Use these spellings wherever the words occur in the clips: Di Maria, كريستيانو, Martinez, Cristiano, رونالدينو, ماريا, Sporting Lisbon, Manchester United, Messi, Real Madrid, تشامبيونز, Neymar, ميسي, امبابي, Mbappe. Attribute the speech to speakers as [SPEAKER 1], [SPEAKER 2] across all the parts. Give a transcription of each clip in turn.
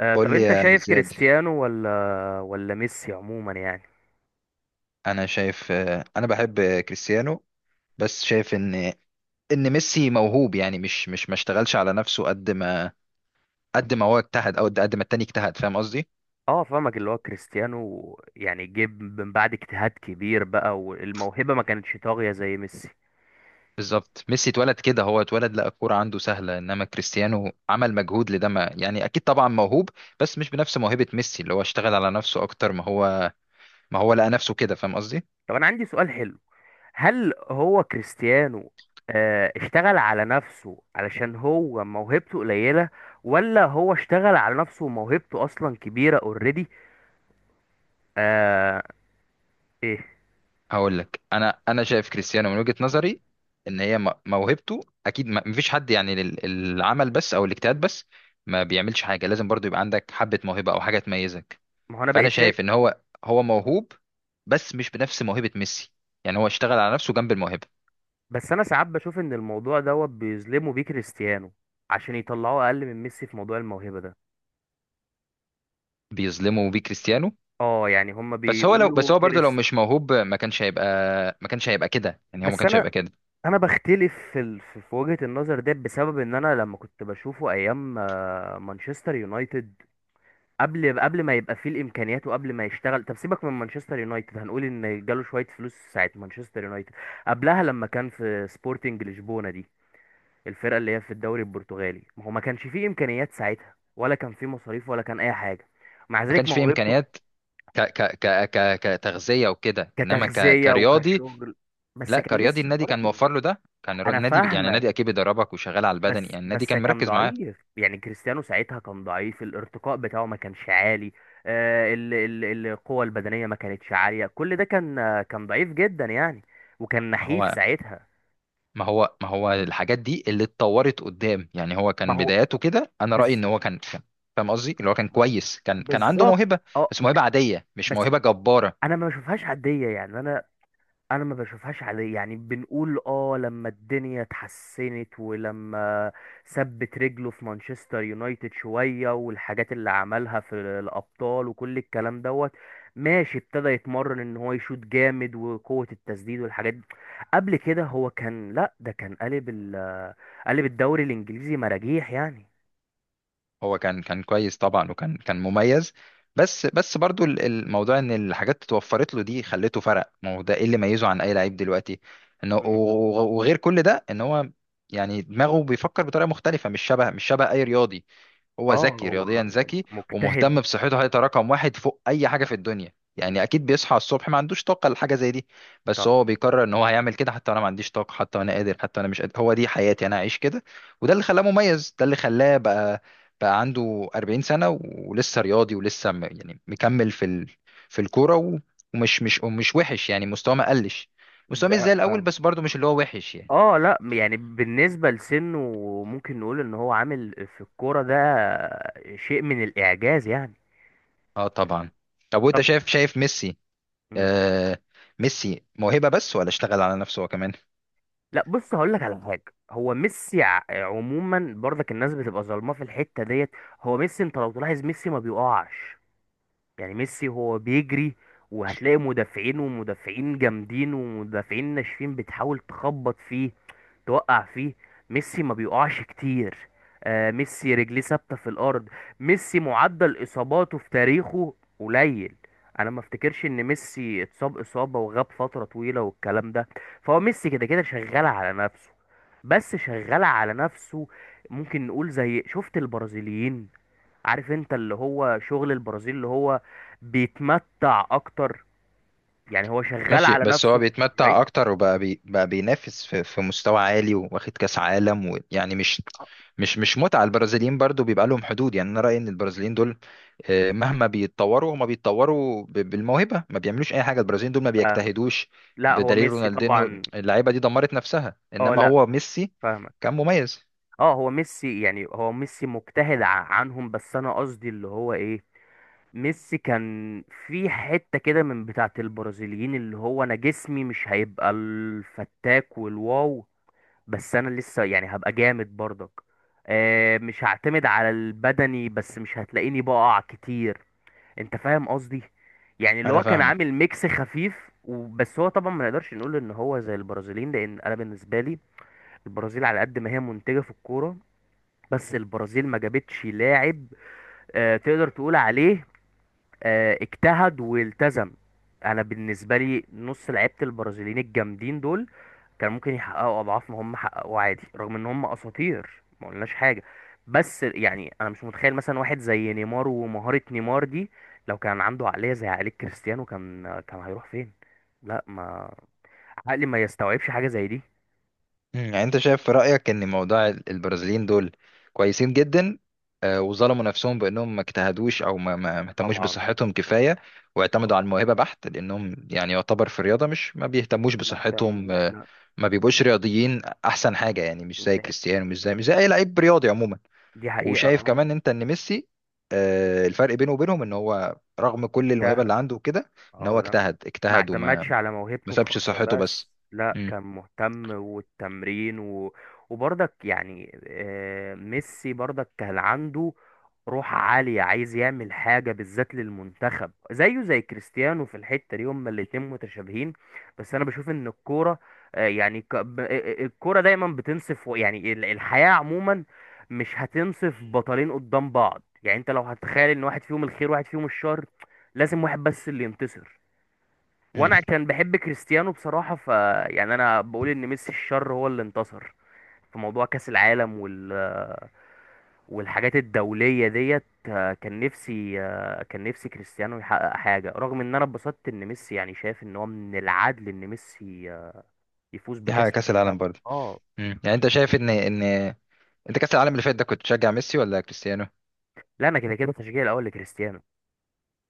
[SPEAKER 1] قول
[SPEAKER 2] طب
[SPEAKER 1] لي
[SPEAKER 2] انت
[SPEAKER 1] يا
[SPEAKER 2] شايف
[SPEAKER 1] زياد.
[SPEAKER 2] كريستيانو ولا ميسي عموما يعني؟
[SPEAKER 1] انا شايف، انا بحب كريستيانو. بس شايف ان ميسي موهوب. يعني مش مش ما اشتغلش على نفسه قد ما هو اجتهد او قد ما التاني اجتهد، فاهم قصدي؟
[SPEAKER 2] اه، فاهمك، اللي هو كريستيانو يعني جيب من بعد اجتهاد كبير بقى، والموهبة ما كانتش طاغية زي ميسي.
[SPEAKER 1] بالظبط، ميسي اتولد كده، هو اتولد لقى الكوره عنده سهله، انما كريستيانو عمل مجهود لده، ما يعني اكيد طبعا موهوب بس مش بنفس موهبه ميسي، اللي هو اشتغل على نفسه اكتر ما هو لقى نفسه كده، فاهم قصدي.
[SPEAKER 2] طب انا عندي سؤال حلو. هل هو كريستيانو اشتغل على نفسه علشان هو موهبته قليلة، ولا هو اشتغل على نفسه وموهبته اصلا كبيرة اوريدي؟ آه. ايه.
[SPEAKER 1] هقول لك، انا شايف كريستيانو من وجهة نظري ان هي موهبته اكيد، ما مفيش حد يعني العمل بس او الاجتهاد بس ما بيعملش حاجه، لازم برضو يبقى عندك حبه موهبه او حاجه تميزك.
[SPEAKER 2] ما هو انا
[SPEAKER 1] فانا
[SPEAKER 2] بقيت شايف.
[SPEAKER 1] شايف ان هو موهوب بس مش بنفس موهبه ميسي، يعني هو اشتغل على نفسه جنب الموهبه.
[SPEAKER 2] بس انا ساعات بشوف ان الموضوع دوت بيظلموا بيه كريستيانو، عشان يطلعوه اقل من ميسي في موضوع الموهبه ده.
[SPEAKER 1] بيظلمه بيه كريستيانو.
[SPEAKER 2] اه، يعني هما
[SPEAKER 1] بس
[SPEAKER 2] بيقولوا
[SPEAKER 1] هو برضو لو
[SPEAKER 2] كريست.
[SPEAKER 1] مش موهوب ما كانش هيبقى كده، يعني هو ما
[SPEAKER 2] بس
[SPEAKER 1] كانش
[SPEAKER 2] انا
[SPEAKER 1] هيبقى كده.
[SPEAKER 2] انا بختلف في ال... في في وجهه النظر ده، بسبب ان انا لما كنت بشوفه ايام مانشستر يونايتد، قبل ما يبقى فيه الامكانيات وقبل ما يشتغل. طب سيبك من مانشستر يونايتد، هنقول ان جاله شويه فلوس ساعه مانشستر يونايتد، قبلها لما كان في سبورتنج لشبونه دي، الفرقه اللي هي في الدوري البرتغالي، ما هو ما كانش فيه امكانيات ساعتها، ولا كان فيه مصاريف ولا كان اي حاجه. مع
[SPEAKER 1] ما
[SPEAKER 2] ذلك
[SPEAKER 1] كانش فيه
[SPEAKER 2] موهبته.
[SPEAKER 1] امكانيات كتغذيه وكده، انما
[SPEAKER 2] كتغذيه
[SPEAKER 1] كرياضي
[SPEAKER 2] وكشغل، بس
[SPEAKER 1] لا،
[SPEAKER 2] كان
[SPEAKER 1] كرياضي
[SPEAKER 2] لسه
[SPEAKER 1] النادي كان
[SPEAKER 2] برضه.
[SPEAKER 1] موفر له، ده كان
[SPEAKER 2] انا
[SPEAKER 1] النادي يعني
[SPEAKER 2] فاهمك.
[SPEAKER 1] النادي اكيد بيدربك وشغال على البدني،
[SPEAKER 2] بس
[SPEAKER 1] يعني النادي
[SPEAKER 2] بس
[SPEAKER 1] كان
[SPEAKER 2] كان
[SPEAKER 1] مركز معاه.
[SPEAKER 2] ضعيف، يعني كريستيانو ساعتها كان ضعيف، الارتقاء بتاعه ما كانش عالي، القوه البدنيه ما كانتش عاليه، كل ده كان، كان ضعيف جدا يعني، وكان
[SPEAKER 1] ما
[SPEAKER 2] نحيف
[SPEAKER 1] هو
[SPEAKER 2] ساعتها.
[SPEAKER 1] ما هو الحاجات دي اللي اتطورت قدام، يعني هو
[SPEAKER 2] ما
[SPEAKER 1] كان
[SPEAKER 2] هو.
[SPEAKER 1] بداياته كده. انا رأيي
[SPEAKER 2] بز...
[SPEAKER 1] ان هو كان فاهم قصدي، اللي هو كان كويس، كان عنده موهبة،
[SPEAKER 2] بالظبط اه
[SPEAKER 1] بس موهبة عادية مش
[SPEAKER 2] بس
[SPEAKER 1] موهبة جبارة.
[SPEAKER 2] انا ما بشوفهاش عاديه، يعني انا ما بشوفهاش عليه. يعني بنقول اه، لما الدنيا اتحسنت ولما ثبت رجله في مانشستر يونايتد شوية، والحاجات اللي عملها في الابطال وكل الكلام دوت، ماشي، ابتدى يتمرن ان هو يشوط جامد، وقوة التسديد والحاجات دي. قبل كده هو كان لا، ده كان قالب الدوري الانجليزي مراجيح يعني.
[SPEAKER 1] هو كان كويس طبعا، وكان مميز. بس برضو الموضوع ان الحاجات اتوفرت له دي خلته فرق، ما هو ده ايه اللي ميزه عن اي لعيب دلوقتي؟ انه
[SPEAKER 2] مم.
[SPEAKER 1] وغير كل ده ان هو يعني دماغه بيفكر بطريقه مختلفه، مش شبه اي رياضي. هو
[SPEAKER 2] اه.
[SPEAKER 1] ذكي،
[SPEAKER 2] هو
[SPEAKER 1] رياضيا ذكي،
[SPEAKER 2] مجتهد.
[SPEAKER 1] ومهتم بصحته. هيبقى رقم واحد فوق اي حاجه في الدنيا،
[SPEAKER 2] مم.
[SPEAKER 1] يعني اكيد بيصحى الصبح ما عندوش طاقه لحاجه زي دي، بس
[SPEAKER 2] طبعا.
[SPEAKER 1] هو بيقرر ان هو هيعمل كده. حتى انا ما عنديش طاقه، حتى انا قادر، حتى انا مش قادر، هو دي حياتي، انا هعيش كده. وده اللي خلاه مميز، ده اللي خلاه بقى بقى عنده 40 سنه ولسه رياضي، يعني مكمل في ال... في الكوره، و... ومش مش ومش وحش، يعني مستواه ما قلش. مستواه مش
[SPEAKER 2] ده
[SPEAKER 1] زي الاول، بس برضه مش اللي هو وحش يعني.
[SPEAKER 2] اه لا، يعني بالنسبة لسنه، ممكن نقول ان هو عامل في الكورة ده شيء من الاعجاز يعني.
[SPEAKER 1] اه طبعا. طب وانت،
[SPEAKER 2] طب.
[SPEAKER 1] شايف ميسي
[SPEAKER 2] مم.
[SPEAKER 1] آه ميسي موهبة بس ولا اشتغل على نفسه هو كمان؟
[SPEAKER 2] لا بص، هقول لك على حاجة. هو ميسي، عموما، برضك الناس بتبقى ظالماه في الحتة ديت. هو ميسي، انت لو تلاحظ ميسي ما بيقعش، يعني ميسي هو بيجري، وهتلاقي مدافعين ومدافعين جامدين ومدافعين ناشفين بتحاول تخبط فيه، توقع فيه، ميسي ما بيقعش كتير. آه، ميسي رجليه ثابته في الارض، ميسي معدل اصاباته في تاريخه قليل. انا ما افتكرش ان ميسي اتصاب اصابه وغاب فتره طويله والكلام ده. فهو ميسي كده كده شغال على نفسه. بس شغال على نفسه، ممكن نقول زي شفت البرازيليين، عارف انت اللي هو شغل البرازيل، اللي هو بيتمتع اكتر. يعني هو شغال
[SPEAKER 1] ماشي،
[SPEAKER 2] على
[SPEAKER 1] بس
[SPEAKER 2] نفسه
[SPEAKER 1] هو بيتمتع
[SPEAKER 2] الطبيعي.
[SPEAKER 1] اكتر وبقى بقى بينافس في مستوى عالي واخد كاس عالم، ويعني مش متعة البرازيليين، برضو بيبقى لهم حدود. يعني انا رأيي ان البرازيليين دول مهما بيتطوروا هما بيتطوروا بالموهبة، ما بيعملوش اي حاجة. البرازيليين دول ما
[SPEAKER 2] فاهمك.
[SPEAKER 1] بيجتهدوش،
[SPEAKER 2] لا هو
[SPEAKER 1] بدليل
[SPEAKER 2] ميسي
[SPEAKER 1] رونالدينو،
[SPEAKER 2] طبعا.
[SPEAKER 1] اللعيبة دي دمرت نفسها.
[SPEAKER 2] اه
[SPEAKER 1] انما
[SPEAKER 2] لا،
[SPEAKER 1] هو ميسي
[SPEAKER 2] فاهمك.
[SPEAKER 1] كان مميز.
[SPEAKER 2] اه، هو ميسي، يعني هو ميسي مجتهد عنهم. بس انا قصدي اللي هو ايه، ميسي كان في حتة كده من بتاعة البرازيليين، اللي هو انا جسمي مش هيبقى الفتاك والواو، بس انا لسه يعني هبقى جامد برضك. آه، مش هعتمد على البدني بس، مش هتلاقيني بقع كتير. انت فاهم قصدي؟ يعني اللي
[SPEAKER 1] انا
[SPEAKER 2] هو كان
[SPEAKER 1] فاهمك.
[SPEAKER 2] عامل ميكس خفيف وبس. هو طبعا ما نقدرش نقول ان هو زي البرازيليين، لان انا بالنسبة لي البرازيل على قد ما هي منتجة في الكورة، بس البرازيل ما جابتش لاعب تقدر تقول عليه اجتهد والتزم. انا بالنسبه لي نص لعيبه البرازيليين الجامدين دول كان ممكن يحققوا اضعاف ما هم حققوا عادي، رغم ان هم اساطير ما قلناش حاجه. بس يعني انا مش متخيل مثلا واحد زي نيمار ومهاره نيمار دي لو كان عنده عقليه زي عقليه كريستيانو، كان هيروح فين. لا ما عقلي ما يستوعبش حاجه زي دي.
[SPEAKER 1] مم، يعني انت شايف في رأيك ان موضوع البرازيليين دول كويسين جدا، وظلموا نفسهم بانهم ما اجتهدوش او ما اهتموش
[SPEAKER 2] طبعا.
[SPEAKER 1] بصحتهم كفايه، واعتمدوا
[SPEAKER 2] طبعا،
[SPEAKER 1] على الموهبه بحت، لانهم يعني يعتبر في الرياضه، مش ما بيهتموش
[SPEAKER 2] ما
[SPEAKER 1] بصحتهم،
[SPEAKER 2] اهتموش، لا.
[SPEAKER 1] ما بيبقوش رياضيين احسن حاجه، يعني مش زي
[SPEAKER 2] ده-
[SPEAKER 1] كريستيانو، مش زي مش زي اي لعيب رياضي عموما.
[SPEAKER 2] دي حقيقه
[SPEAKER 1] وشايف
[SPEAKER 2] اه.
[SPEAKER 1] كمان انت ان ميسي الفرق بينه وبينهم ان هو رغم كل الموهبه
[SPEAKER 2] اجتهد.
[SPEAKER 1] اللي عنده وكده، ان
[SPEAKER 2] اه
[SPEAKER 1] هو
[SPEAKER 2] لا،
[SPEAKER 1] اجتهد
[SPEAKER 2] ما
[SPEAKER 1] اجتهد وما
[SPEAKER 2] اعتمدش على
[SPEAKER 1] ما
[SPEAKER 2] موهبته
[SPEAKER 1] سابش
[SPEAKER 2] الخاصة
[SPEAKER 1] صحته
[SPEAKER 2] بس،
[SPEAKER 1] بس.
[SPEAKER 2] لا
[SPEAKER 1] مم.
[SPEAKER 2] كان مهتم، والتمرين وبرضك يعني ميسي برضك كان عنده روح عالية، عايز يعمل حاجة بالذات للمنتخب، زيه زي كريستيانو، في الحتة دي هما الاتنين متشابهين. بس أنا بشوف إن الكورة آه، يعني ك- ب- آه، آه، الكورة دايما بتنصف، يعني الحياة عموما مش هتنصف بطلين قدام بعض. يعني أنت لو هتتخيل إن واحد فيهم الخير واحد فيهم الشر، لازم واحد بس اللي ينتصر.
[SPEAKER 1] مم.
[SPEAKER 2] وانا كان بحب كريستيانو بصراحة، يعني انا بقول ان ميسي الشر هو اللي انتصر في موضوع كأس العالم والحاجات الدولية ديت. كان نفسي، كريستيانو يحقق حاجة، رغم ان انا اتبسطت ان ميسي، يعني شايف ان هو من العدل ان ميسي يفوز
[SPEAKER 1] دي حاجه
[SPEAKER 2] بكأس
[SPEAKER 1] كاس العالم
[SPEAKER 2] العالم.
[SPEAKER 1] برضه.
[SPEAKER 2] اه
[SPEAKER 1] يعني انت شايف ان ان انت كاس العالم اللي فات ده كنت تشجع ميسي ولا كريستيانو؟
[SPEAKER 2] لا، انا كده كده تشجيعي الاول لكريستيانو.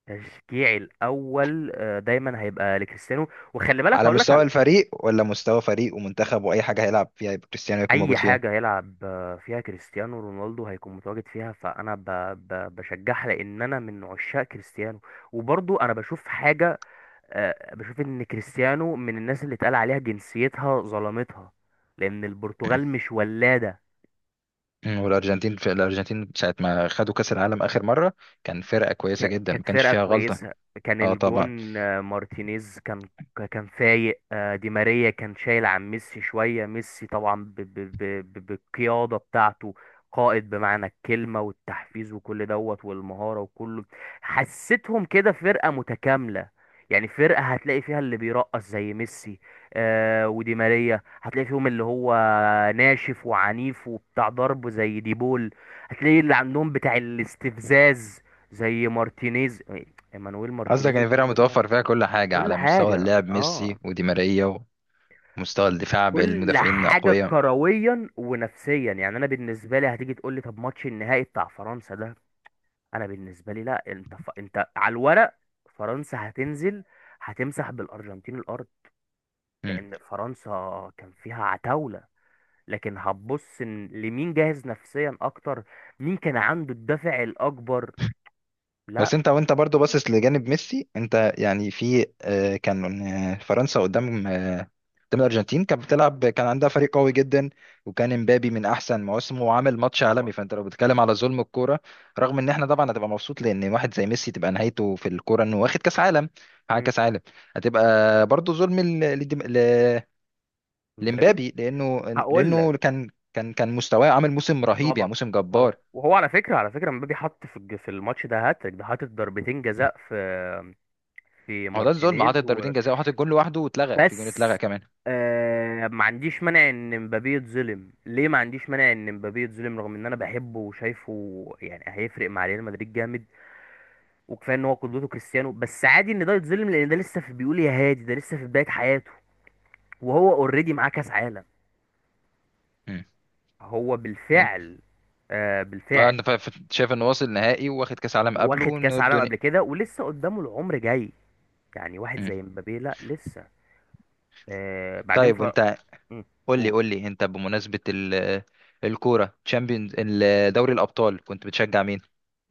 [SPEAKER 2] تشجيعي الاول دايما هيبقى لكريستيانو. وخلي بالك،
[SPEAKER 1] على
[SPEAKER 2] هقول لك،
[SPEAKER 1] مستوى الفريق ولا مستوى فريق ومنتخب؟ واي حاجه هيلعب فيها يبقى كريستيانو يكون موجود
[SPEAKER 2] اي
[SPEAKER 1] فيها.
[SPEAKER 2] حاجه يلعب فيها كريستيانو رونالدو هيكون متواجد فيها، فانا بشجعها، لان انا من عشاق كريستيانو. وبرضو انا بشوف حاجه، بشوف ان كريستيانو من الناس اللي اتقال عليها جنسيتها ظلمتها، لان البرتغال مش ولاده.
[SPEAKER 1] والارجنتين، في الارجنتين ساعه ما خدوا كاس العالم اخر مره، كان فرقه كويسه جدا
[SPEAKER 2] كانت
[SPEAKER 1] ما كانش
[SPEAKER 2] فرقة
[SPEAKER 1] فيها غلطه.
[SPEAKER 2] كويسة، كان
[SPEAKER 1] اه طبعا.
[SPEAKER 2] الجون مارتينيز كان فايق، دي ماريا كان شايل عن ميسي شوية، ميسي طبعا بالقيادة بتاعته، قائد بمعنى الكلمة، والتحفيز وكل دوت والمهارة وكله. حسيتهم كده فرقة متكاملة، يعني فرقة هتلاقي فيها اللي بيرقص زي ميسي آه ودي ماريا، هتلاقي فيهم اللي هو ناشف وعنيف وبتاع ضرب زي ديبول، هتلاقي اللي عندهم بتاع الاستفزاز زي مارتينيز، ايمانويل
[SPEAKER 1] قصدك
[SPEAKER 2] مارتينيز
[SPEAKER 1] ان الفرقه
[SPEAKER 2] الجون بتاعهم.
[SPEAKER 1] متوفر فيها كل حاجه
[SPEAKER 2] كل
[SPEAKER 1] على مستوى
[SPEAKER 2] حاجة
[SPEAKER 1] اللعب،
[SPEAKER 2] اه،
[SPEAKER 1] ميسي ودي ماريا، ومستوى الدفاع
[SPEAKER 2] كل
[SPEAKER 1] بالمدافعين
[SPEAKER 2] حاجة
[SPEAKER 1] الاقوياء.
[SPEAKER 2] كرويا ونفسيا. يعني انا بالنسبة لي هتيجي تقول لي طب ماتش النهائي بتاع فرنسا ده؟ انا بالنسبة لي لا. انت انت على الورق فرنسا هتنزل هتمسح بالارجنتين الارض، لان فرنسا كان فيها عتاولة. لكن هتبص إن لمين جاهز نفسيا اكتر، مين كان عنده الدافع الاكبر. لا.
[SPEAKER 1] بس انت وانت برضو باصص لجانب ميسي انت، يعني في كان فرنسا قدام قدام الارجنتين كانت بتلعب، كان عندها فريق قوي جدا، وكان امبابي من احسن مواسمه وعامل ماتش
[SPEAKER 2] طبعا.
[SPEAKER 1] عالمي. فانت لو بتتكلم على ظلم الكوره، رغم ان احنا طبعا هتبقى مبسوط لان واحد زي ميسي تبقى نهايته في الكوره انه واخد كاس عالم، حقق
[SPEAKER 2] مم.
[SPEAKER 1] كاس عالم، هتبقى برضو ظلم
[SPEAKER 2] مبابي.
[SPEAKER 1] لامبابي، لانه
[SPEAKER 2] هقول
[SPEAKER 1] لانه
[SPEAKER 2] لك.
[SPEAKER 1] كان مستواه عامل موسم رهيب، يعني
[SPEAKER 2] طبعا،
[SPEAKER 1] موسم
[SPEAKER 2] طبعا.
[SPEAKER 1] جبار.
[SPEAKER 2] وهو على فكره، على فكره، مبابي حط في الماتش ده هاتريك، ده حاطط ضربتين جزاء في
[SPEAKER 1] هو ده الظلم،
[SPEAKER 2] مارتينيز
[SPEAKER 1] حاطط ضربتين جزاء وحاطط جول لوحده واتلغى، في جون
[SPEAKER 2] وبس.
[SPEAKER 1] اتلغى كمان.
[SPEAKER 2] ما عنديش مانع ان مبابي يتظلم، ليه؟ ما عنديش مانع ان مبابي يتظلم، رغم ان انا بحبه وشايفه يعني هيفرق مع ريال مدريد جامد، وكفايه ان هو قدوته كريستيانو. بس عادي ان ده يتظلم، لان ده لسه في، بيقول يا هادي، ده لسه في بدايه حياته، وهو اوريدي معاه كاس عالم. هو
[SPEAKER 1] انت
[SPEAKER 2] بالفعل.
[SPEAKER 1] اه
[SPEAKER 2] بالفعل،
[SPEAKER 1] انا شايف انه واصل نهائي واخد كاس عالم قبله
[SPEAKER 2] واخد
[SPEAKER 1] وانه
[SPEAKER 2] كاس عالم
[SPEAKER 1] الدنيا.
[SPEAKER 2] قبل كده ولسه قدامه العمر جاي. يعني واحد
[SPEAKER 1] مم.
[SPEAKER 2] زي مبابي، لا لسه. بعدين
[SPEAKER 1] طيب وانت،
[SPEAKER 2] مم،
[SPEAKER 1] قول لي
[SPEAKER 2] قول.
[SPEAKER 1] قول لي انت بمناسبه الكوره تشامبيونز، دوري الابطال كنت بتشجع مين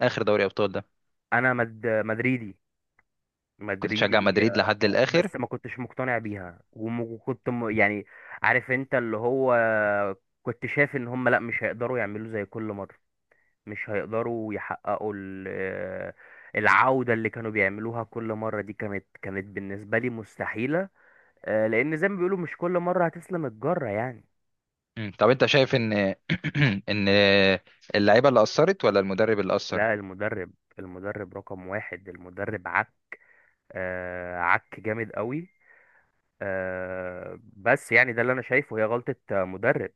[SPEAKER 1] اخر دوري ابطال ده؟
[SPEAKER 2] انا مدريدي.
[SPEAKER 1] كنت بتشجع
[SPEAKER 2] مدريدي
[SPEAKER 1] مدريد لحد الاخر؟
[SPEAKER 2] بس ما كنتش مقتنع بيها، وكنت يعني عارف انت اللي هو، كنت شايف ان هم لا، مش هيقدروا يعملوا زي كل مرة، مش هيقدروا يحققوا ال... آه، العودة اللي كانوا بيعملوها كل مرة دي. كانت بالنسبة لي مستحيلة، لان زي ما بيقولوا مش كل مرة هتسلم الجرة يعني.
[SPEAKER 1] طب انت شايف ان ان اللعيبه اللي اثرت ولا المدرب اللي اثر؟
[SPEAKER 2] لا المدرب رقم واحد. المدرب عك، عك جامد قوي، بس يعني ده اللي انا شايفه هي غلطة مدرب